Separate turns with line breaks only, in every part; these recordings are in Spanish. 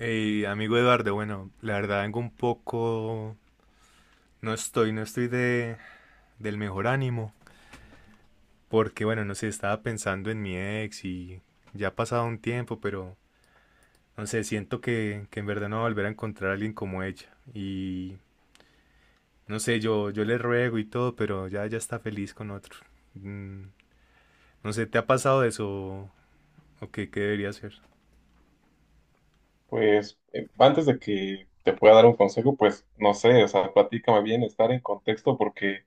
Hey, amigo Eduardo, bueno, la verdad vengo un poco, no estoy del mejor ánimo, porque bueno, no sé, estaba pensando en mi ex y ya ha pasado un tiempo, pero no sé, siento que en verdad no voy a volver a encontrar a alguien como ella. Y no sé, yo le ruego y todo, pero ya, ya está feliz con otro. Mm, no sé, ¿te ha pasado eso o qué debería hacer?
Pues antes de que te pueda dar un consejo, pues no sé, o sea, platícame bien, estar en contexto, porque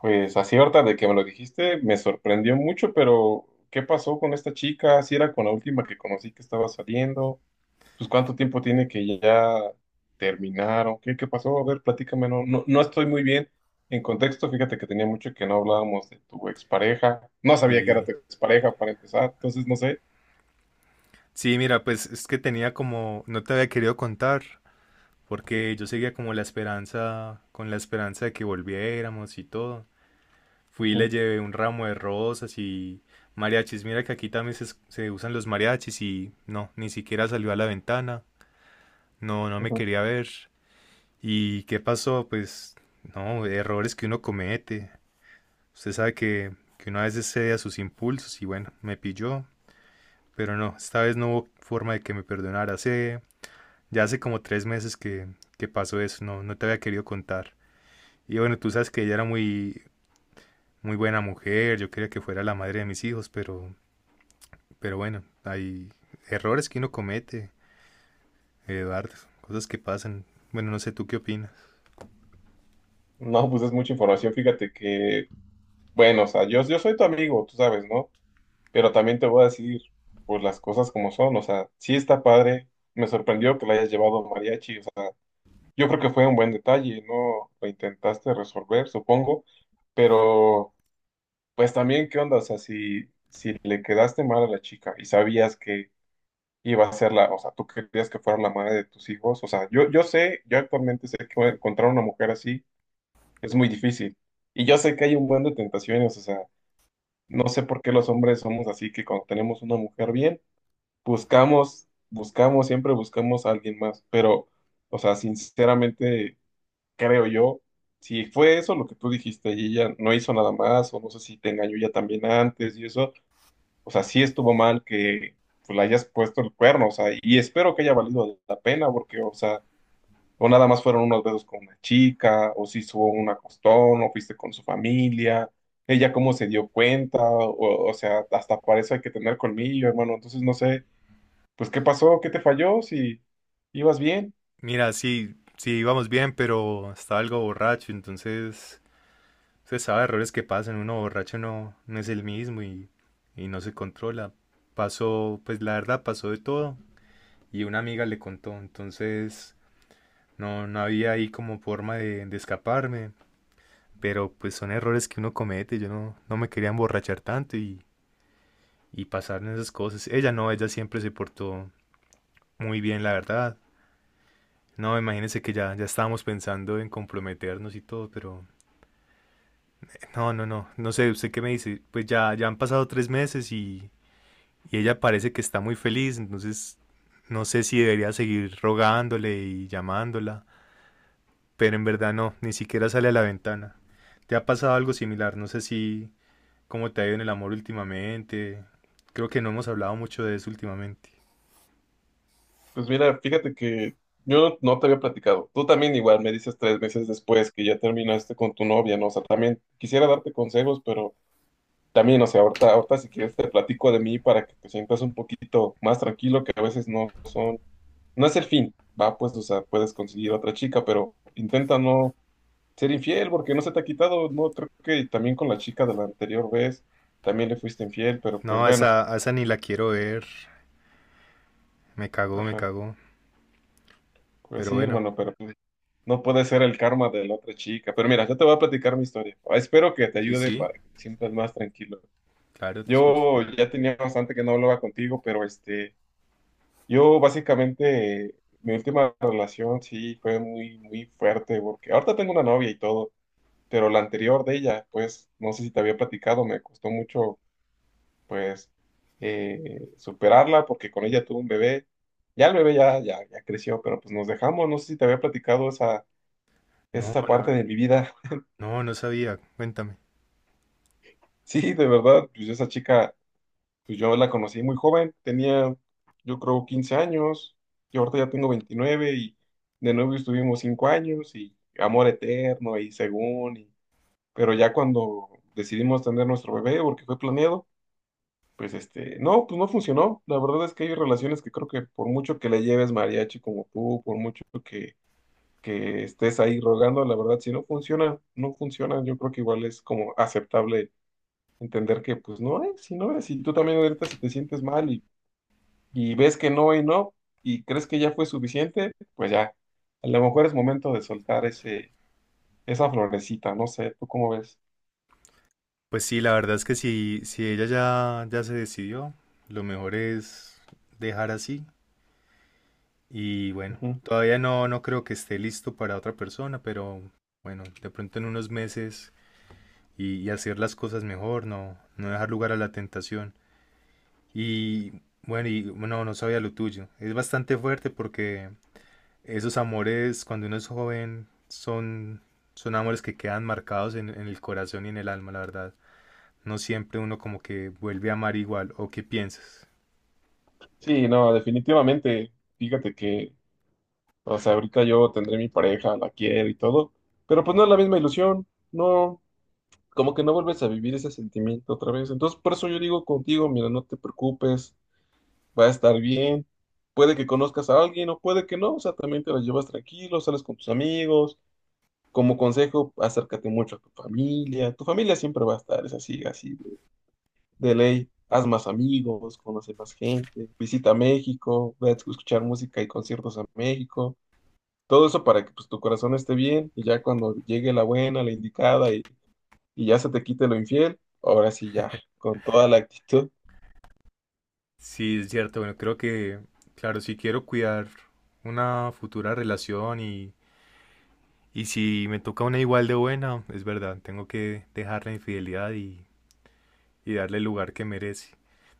pues así ahorita de que me lo dijiste, me sorprendió mucho, pero ¿qué pasó con esta chica? Si era con la última que conocí que estaba saliendo, pues cuánto tiempo tiene que ya terminaron, ¿¿qué pasó? A ver, platícame, no, no, no estoy muy bien en contexto, fíjate que tenía mucho que no hablábamos de tu expareja, no sabía que era
Sí,
tu expareja para empezar, entonces no sé.
sí, mira, pues es que tenía como, no te había querido contar porque yo seguía como la esperanza, con la esperanza de que volviéramos y todo. Fui y le
Ujú,
llevé un ramo de rosas y mariachis. Mira que aquí también se usan los mariachis y no, ni siquiera salió a la ventana. No, no me
ujú.
quería ver. ¿Y qué pasó? Pues no, errores que uno comete. Usted sabe que uno a veces cede a sus impulsos y bueno, me pilló. Pero no, esta vez no hubo forma de que me perdonara. Ya hace como 3 meses que pasó eso, no, no te había querido contar. Y bueno, tú sabes que ella era muy, muy buena mujer, yo quería que fuera la madre de mis hijos, pero bueno, hay errores que uno comete, Eduardo, cosas que pasan. Bueno, no sé tú qué opinas.
No, pues es mucha información. Fíjate que bueno, o sea, yo soy tu amigo, tú sabes, ¿no? Pero también te voy a decir, pues las cosas como son, o sea, sí está padre, me sorprendió que la hayas llevado mariachi, o sea, yo creo que fue un buen detalle, ¿no? Lo intentaste resolver, supongo, pero pues también, ¿qué onda? O sea, si le quedaste mal a la chica y sabías que iba a ser la, o sea, tú querías que fuera la madre de tus hijos, o sea, yo sé, yo actualmente sé que encontrar una mujer así es muy difícil, y yo sé que hay un buen de tentaciones, o sea, no sé por qué los hombres somos así, que cuando tenemos una mujer bien, buscamos, buscamos, siempre buscamos a alguien más. Pero, o sea, sinceramente, creo yo, si fue eso lo que tú dijiste y ella no hizo nada más, o no sé si te engañó ya también antes y eso, o sea, sí estuvo mal que pues, le hayas puesto el cuerno, o sea, y espero que haya valido la pena, porque, o sea, o nada más fueron unos besos con una chica, o si hubo un acostón, o fuiste con su familia, ella cómo se dio cuenta, o sea, hasta para eso hay que tener colmillo, hermano. Entonces no sé, pues qué pasó, qué te falló, si ibas bien.
Mira, sí, sí íbamos bien, pero estaba algo borracho, entonces usted sabe errores que pasan, uno borracho no, no es el mismo y no se controla. Pasó, pues la verdad pasó de todo y una amiga le contó, entonces no, no había ahí como forma de escaparme. Pero pues son errores que uno comete. Yo no, no me quería emborrachar tanto y pasar en esas cosas. Ella no, ella siempre se portó muy bien, la verdad. No, imagínense que ya, ya estábamos pensando en comprometernos y todo, pero no, no, no, no sé, ¿usted qué me dice? Pues ya, ya han pasado 3 meses y ella parece que está muy feliz, entonces no sé si debería seguir rogándole y llamándola, pero en verdad no, ni siquiera sale a la ventana. ¿Te ha pasado algo similar? No sé si, ¿Cómo te ha ido en el amor últimamente? Creo que no hemos hablado mucho de eso últimamente.
Pues mira, fíjate que yo no, no te había platicado. Tú también igual me dices 3 meses después que ya terminaste con tu novia, ¿no? O sea, también quisiera darte consejos, pero también, o sea, ahorita, ahorita si quieres te platico de mí para que te sientas un poquito más tranquilo, que a veces no son, no es el fin, va, pues, o sea, puedes conseguir otra chica, pero intenta no ser infiel porque no se te ha quitado, no, creo que también con la chica de la anterior vez también le fuiste infiel, pero pues
No, a
bueno,
esa, a esa ni la quiero ver. Me cagó, me
ajá,
cagó.
pues
Pero
sí,
bueno,
hermano, pero pues, no puede ser el karma de la otra chica, pero mira, yo te voy a platicar mi historia. Ah, espero que te
sí,
ayude
sí,
para que te sientas más tranquilo.
claro, te escucho.
Yo ya tenía bastante que no hablaba contigo, pero yo básicamente, mi última relación sí fue muy, muy fuerte, porque ahorita tengo una novia y todo, pero la anterior de ella, pues, no sé si te había platicado, me costó mucho, pues, superarla, porque con ella tuve un bebé, ya el bebé ya creció, pero pues nos dejamos, no sé si te había platicado esa,
No,
esa parte
no,
de mi vida.
no, no sabía. Cuéntame.
Sí, de verdad, pues esa chica pues yo la conocí muy joven, tenía yo creo 15 años, y ahorita ya tengo 29 y de novio estuvimos 5 años y amor eterno y según, y- pero ya cuando decidimos tener nuestro bebé porque fue planeado, pues no, pues no funcionó. La verdad es que hay relaciones que creo que por mucho que le lleves mariachi como tú, por mucho que, estés ahí rogando, la verdad si no funciona, no funciona, yo creo que igual es como aceptable entender que pues no es, si no es, y tú también ahorita si te sientes mal y ves que no y no, y crees que ya fue suficiente, pues ya, a lo mejor es momento de soltar ese, esa florecita, no sé, ¿tú cómo ves?
Pues sí, la verdad es que si ella ya, ya se decidió, lo mejor es dejar así. Y bueno,
Ujú.
todavía no, no creo que esté listo para otra persona, pero bueno, de pronto en unos meses y hacer las cosas mejor, no, no dejar lugar a la tentación. Y bueno, y no, no sabía lo tuyo. Es bastante fuerte porque esos amores cuando uno es joven son, son amores que quedan marcados en el corazón y en el alma, la verdad. No siempre uno como que vuelve a amar igual. ¿O qué piensas?
Sí, no, definitivamente, fíjate que, o sea, ahorita yo tendré mi pareja, la quiero y todo, pero pues no es la misma ilusión, no, como que no vuelves a vivir ese sentimiento otra vez, entonces por eso yo digo contigo, mira, no te preocupes, va a estar bien. Puede que conozcas a alguien o puede que no, o sea, también te la llevas tranquilo, sales con tus amigos. Como consejo, acércate mucho a tu familia. Tu familia siempre va a estar, es así, así de, ley. Haz más amigos, conoce más gente, visita México, ve a escuchar música y conciertos a México. Todo eso para que pues, tu corazón esté bien y ya cuando llegue la buena, la indicada y ya se te quite lo infiel, ahora sí ya, con toda la actitud.
Sí, es cierto. Bueno, creo que, claro, si quiero cuidar una futura relación y si me toca una igual de buena, es verdad, tengo que dejar la infidelidad y darle el lugar que merece.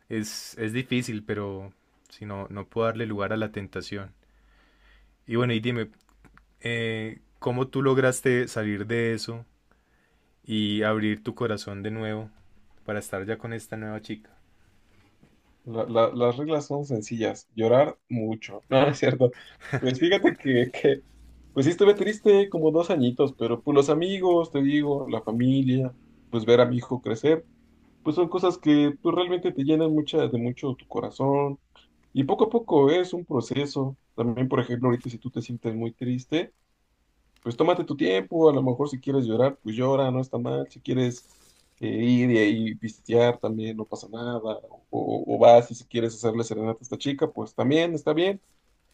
Es difícil, pero si no, no puedo darle lugar a la tentación. Y bueno, dime, ¿cómo tú lograste salir de eso y abrir tu corazón de nuevo para estar ya con esta nueva chica?
Las reglas son sencillas, llorar mucho, no, no es cierto. Pues fíjate que, pues sí estuve triste como 2 añitos, pero pues los amigos, te digo, la familia, pues ver a mi hijo crecer, pues son cosas que pues realmente te llenan mucha, de mucho tu corazón. Y poco a poco es un proceso. También, por ejemplo, ahorita si tú te sientes muy triste, pues tómate tu tiempo, a lo mejor si quieres llorar, pues llora, no está mal, si quieres ir y ahí pistear también, no pasa nada, o vas y si quieres hacerle serenata a esta chica, pues también está bien,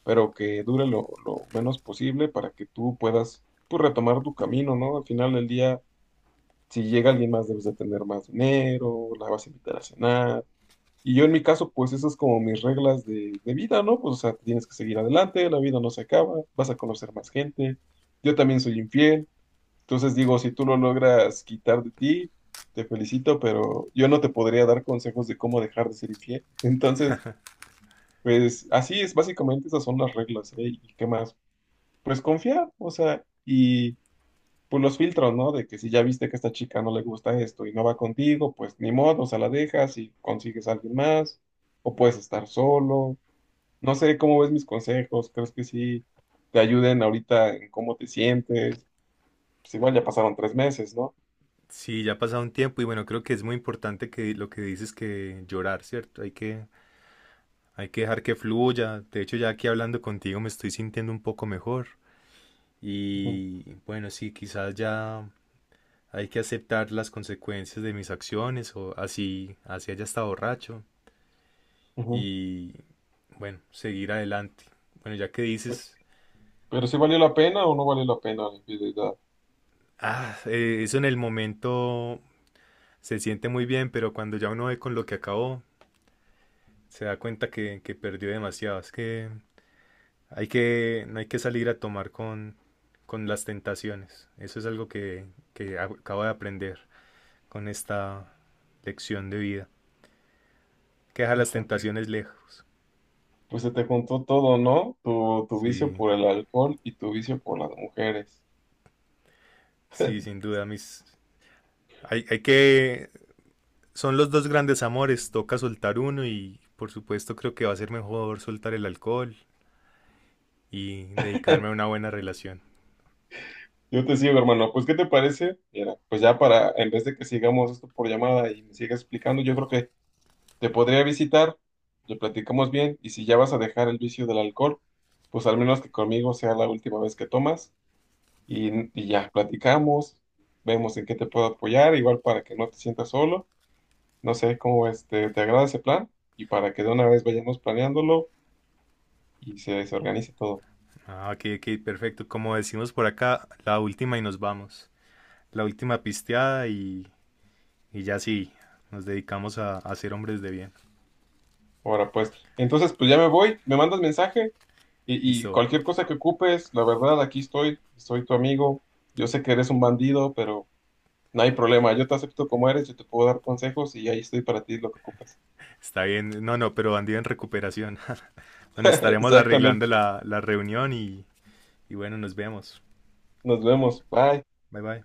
pero que dure lo, menos posible para que tú puedas pues, retomar tu camino, ¿no? Al final del día, si llega alguien más, debes de tener más dinero, la vas a invitar a cenar. Y yo en mi caso, pues esas es como mis reglas de vida, ¿no? Pues o sea, tienes que seguir adelante, la vida no se acaba, vas a conocer más gente. Yo también soy infiel, entonces digo, si tú lo logras quitar de ti, te felicito, pero yo no te podría dar consejos de cómo dejar de ser infiel. Entonces, pues así es, básicamente esas son las reglas, ¿eh? ¿Y qué más? Pues confiar, o sea, y pues los filtros, ¿no? De que si ya viste que a esta chica no le gusta esto y no va contigo, pues ni modo, o sea, la dejas y consigues a alguien más, o puedes estar solo. No sé cómo ves mis consejos, ¿crees que sí te ayuden ahorita en cómo te sientes? Pues igual ya pasaron 3 meses, ¿no?
Sí, ya ha pasado un tiempo y bueno, creo que es muy importante que lo que dices que llorar, ¿cierto? Hay que dejar que fluya. De hecho, ya aquí hablando contigo me estoy sintiendo un poco mejor.
Ujú,
Y bueno, sí, quizás ya hay que aceptar las consecuencias de mis acciones o así, así haya estado borracho.
ujú.
Y bueno, seguir adelante. Bueno, ya que dices,
Pero si valió la pena o no valió la pena la infidelidad.
ah, eso en el momento se siente muy bien, pero cuando ya uno ve con lo que acabó, se da cuenta que perdió demasiado. Es que no hay que salir a tomar con las tentaciones. Eso es algo que acabo de aprender con esta lección de vida. Hay que deja las
Ajá,
tentaciones lejos.
pues se te juntó todo, ¿no? Tu vicio
Sí,
por el alcohol y tu vicio por las mujeres.
sí, sin duda, mis... Hay que Son los dos grandes amores, toca soltar uno y por supuesto creo que va a ser mejor soltar el alcohol y dedicarme a una buena relación.
Yo te sigo, hermano. Pues, ¿qué te parece? Mira, pues ya para, en vez de que sigamos esto por llamada y me sigas explicando, yo creo que te podría visitar, lo platicamos bien, y si ya vas a dejar el vicio del alcohol, pues al menos que conmigo sea la última vez que tomas y, y, ya platicamos, vemos en qué te puedo apoyar, igual para que no te sientas solo. No sé cómo es, ¿te agrada ese plan? Y para que de una vez vayamos planeándolo y se, organice todo.
Ah, ok, ok, perfecto. Como decimos por acá, la última y nos vamos. La última pisteada y ya sí, nos dedicamos a ser hombres de bien.
Ahora pues, entonces pues ya me voy, me mandas mensaje y
Listo,
cualquier cosa que ocupes, la verdad, aquí estoy, soy tu amigo. Yo sé que eres un bandido, pero no hay problema, yo te acepto como eres, yo te puedo dar consejos y ahí estoy para ti lo que ocupes.
está bien. No, no, pero bandido en recuperación. Bueno, estaremos arreglando
Exactamente,
la reunión y bueno, nos vemos.
nos vemos, bye.
Bye bye.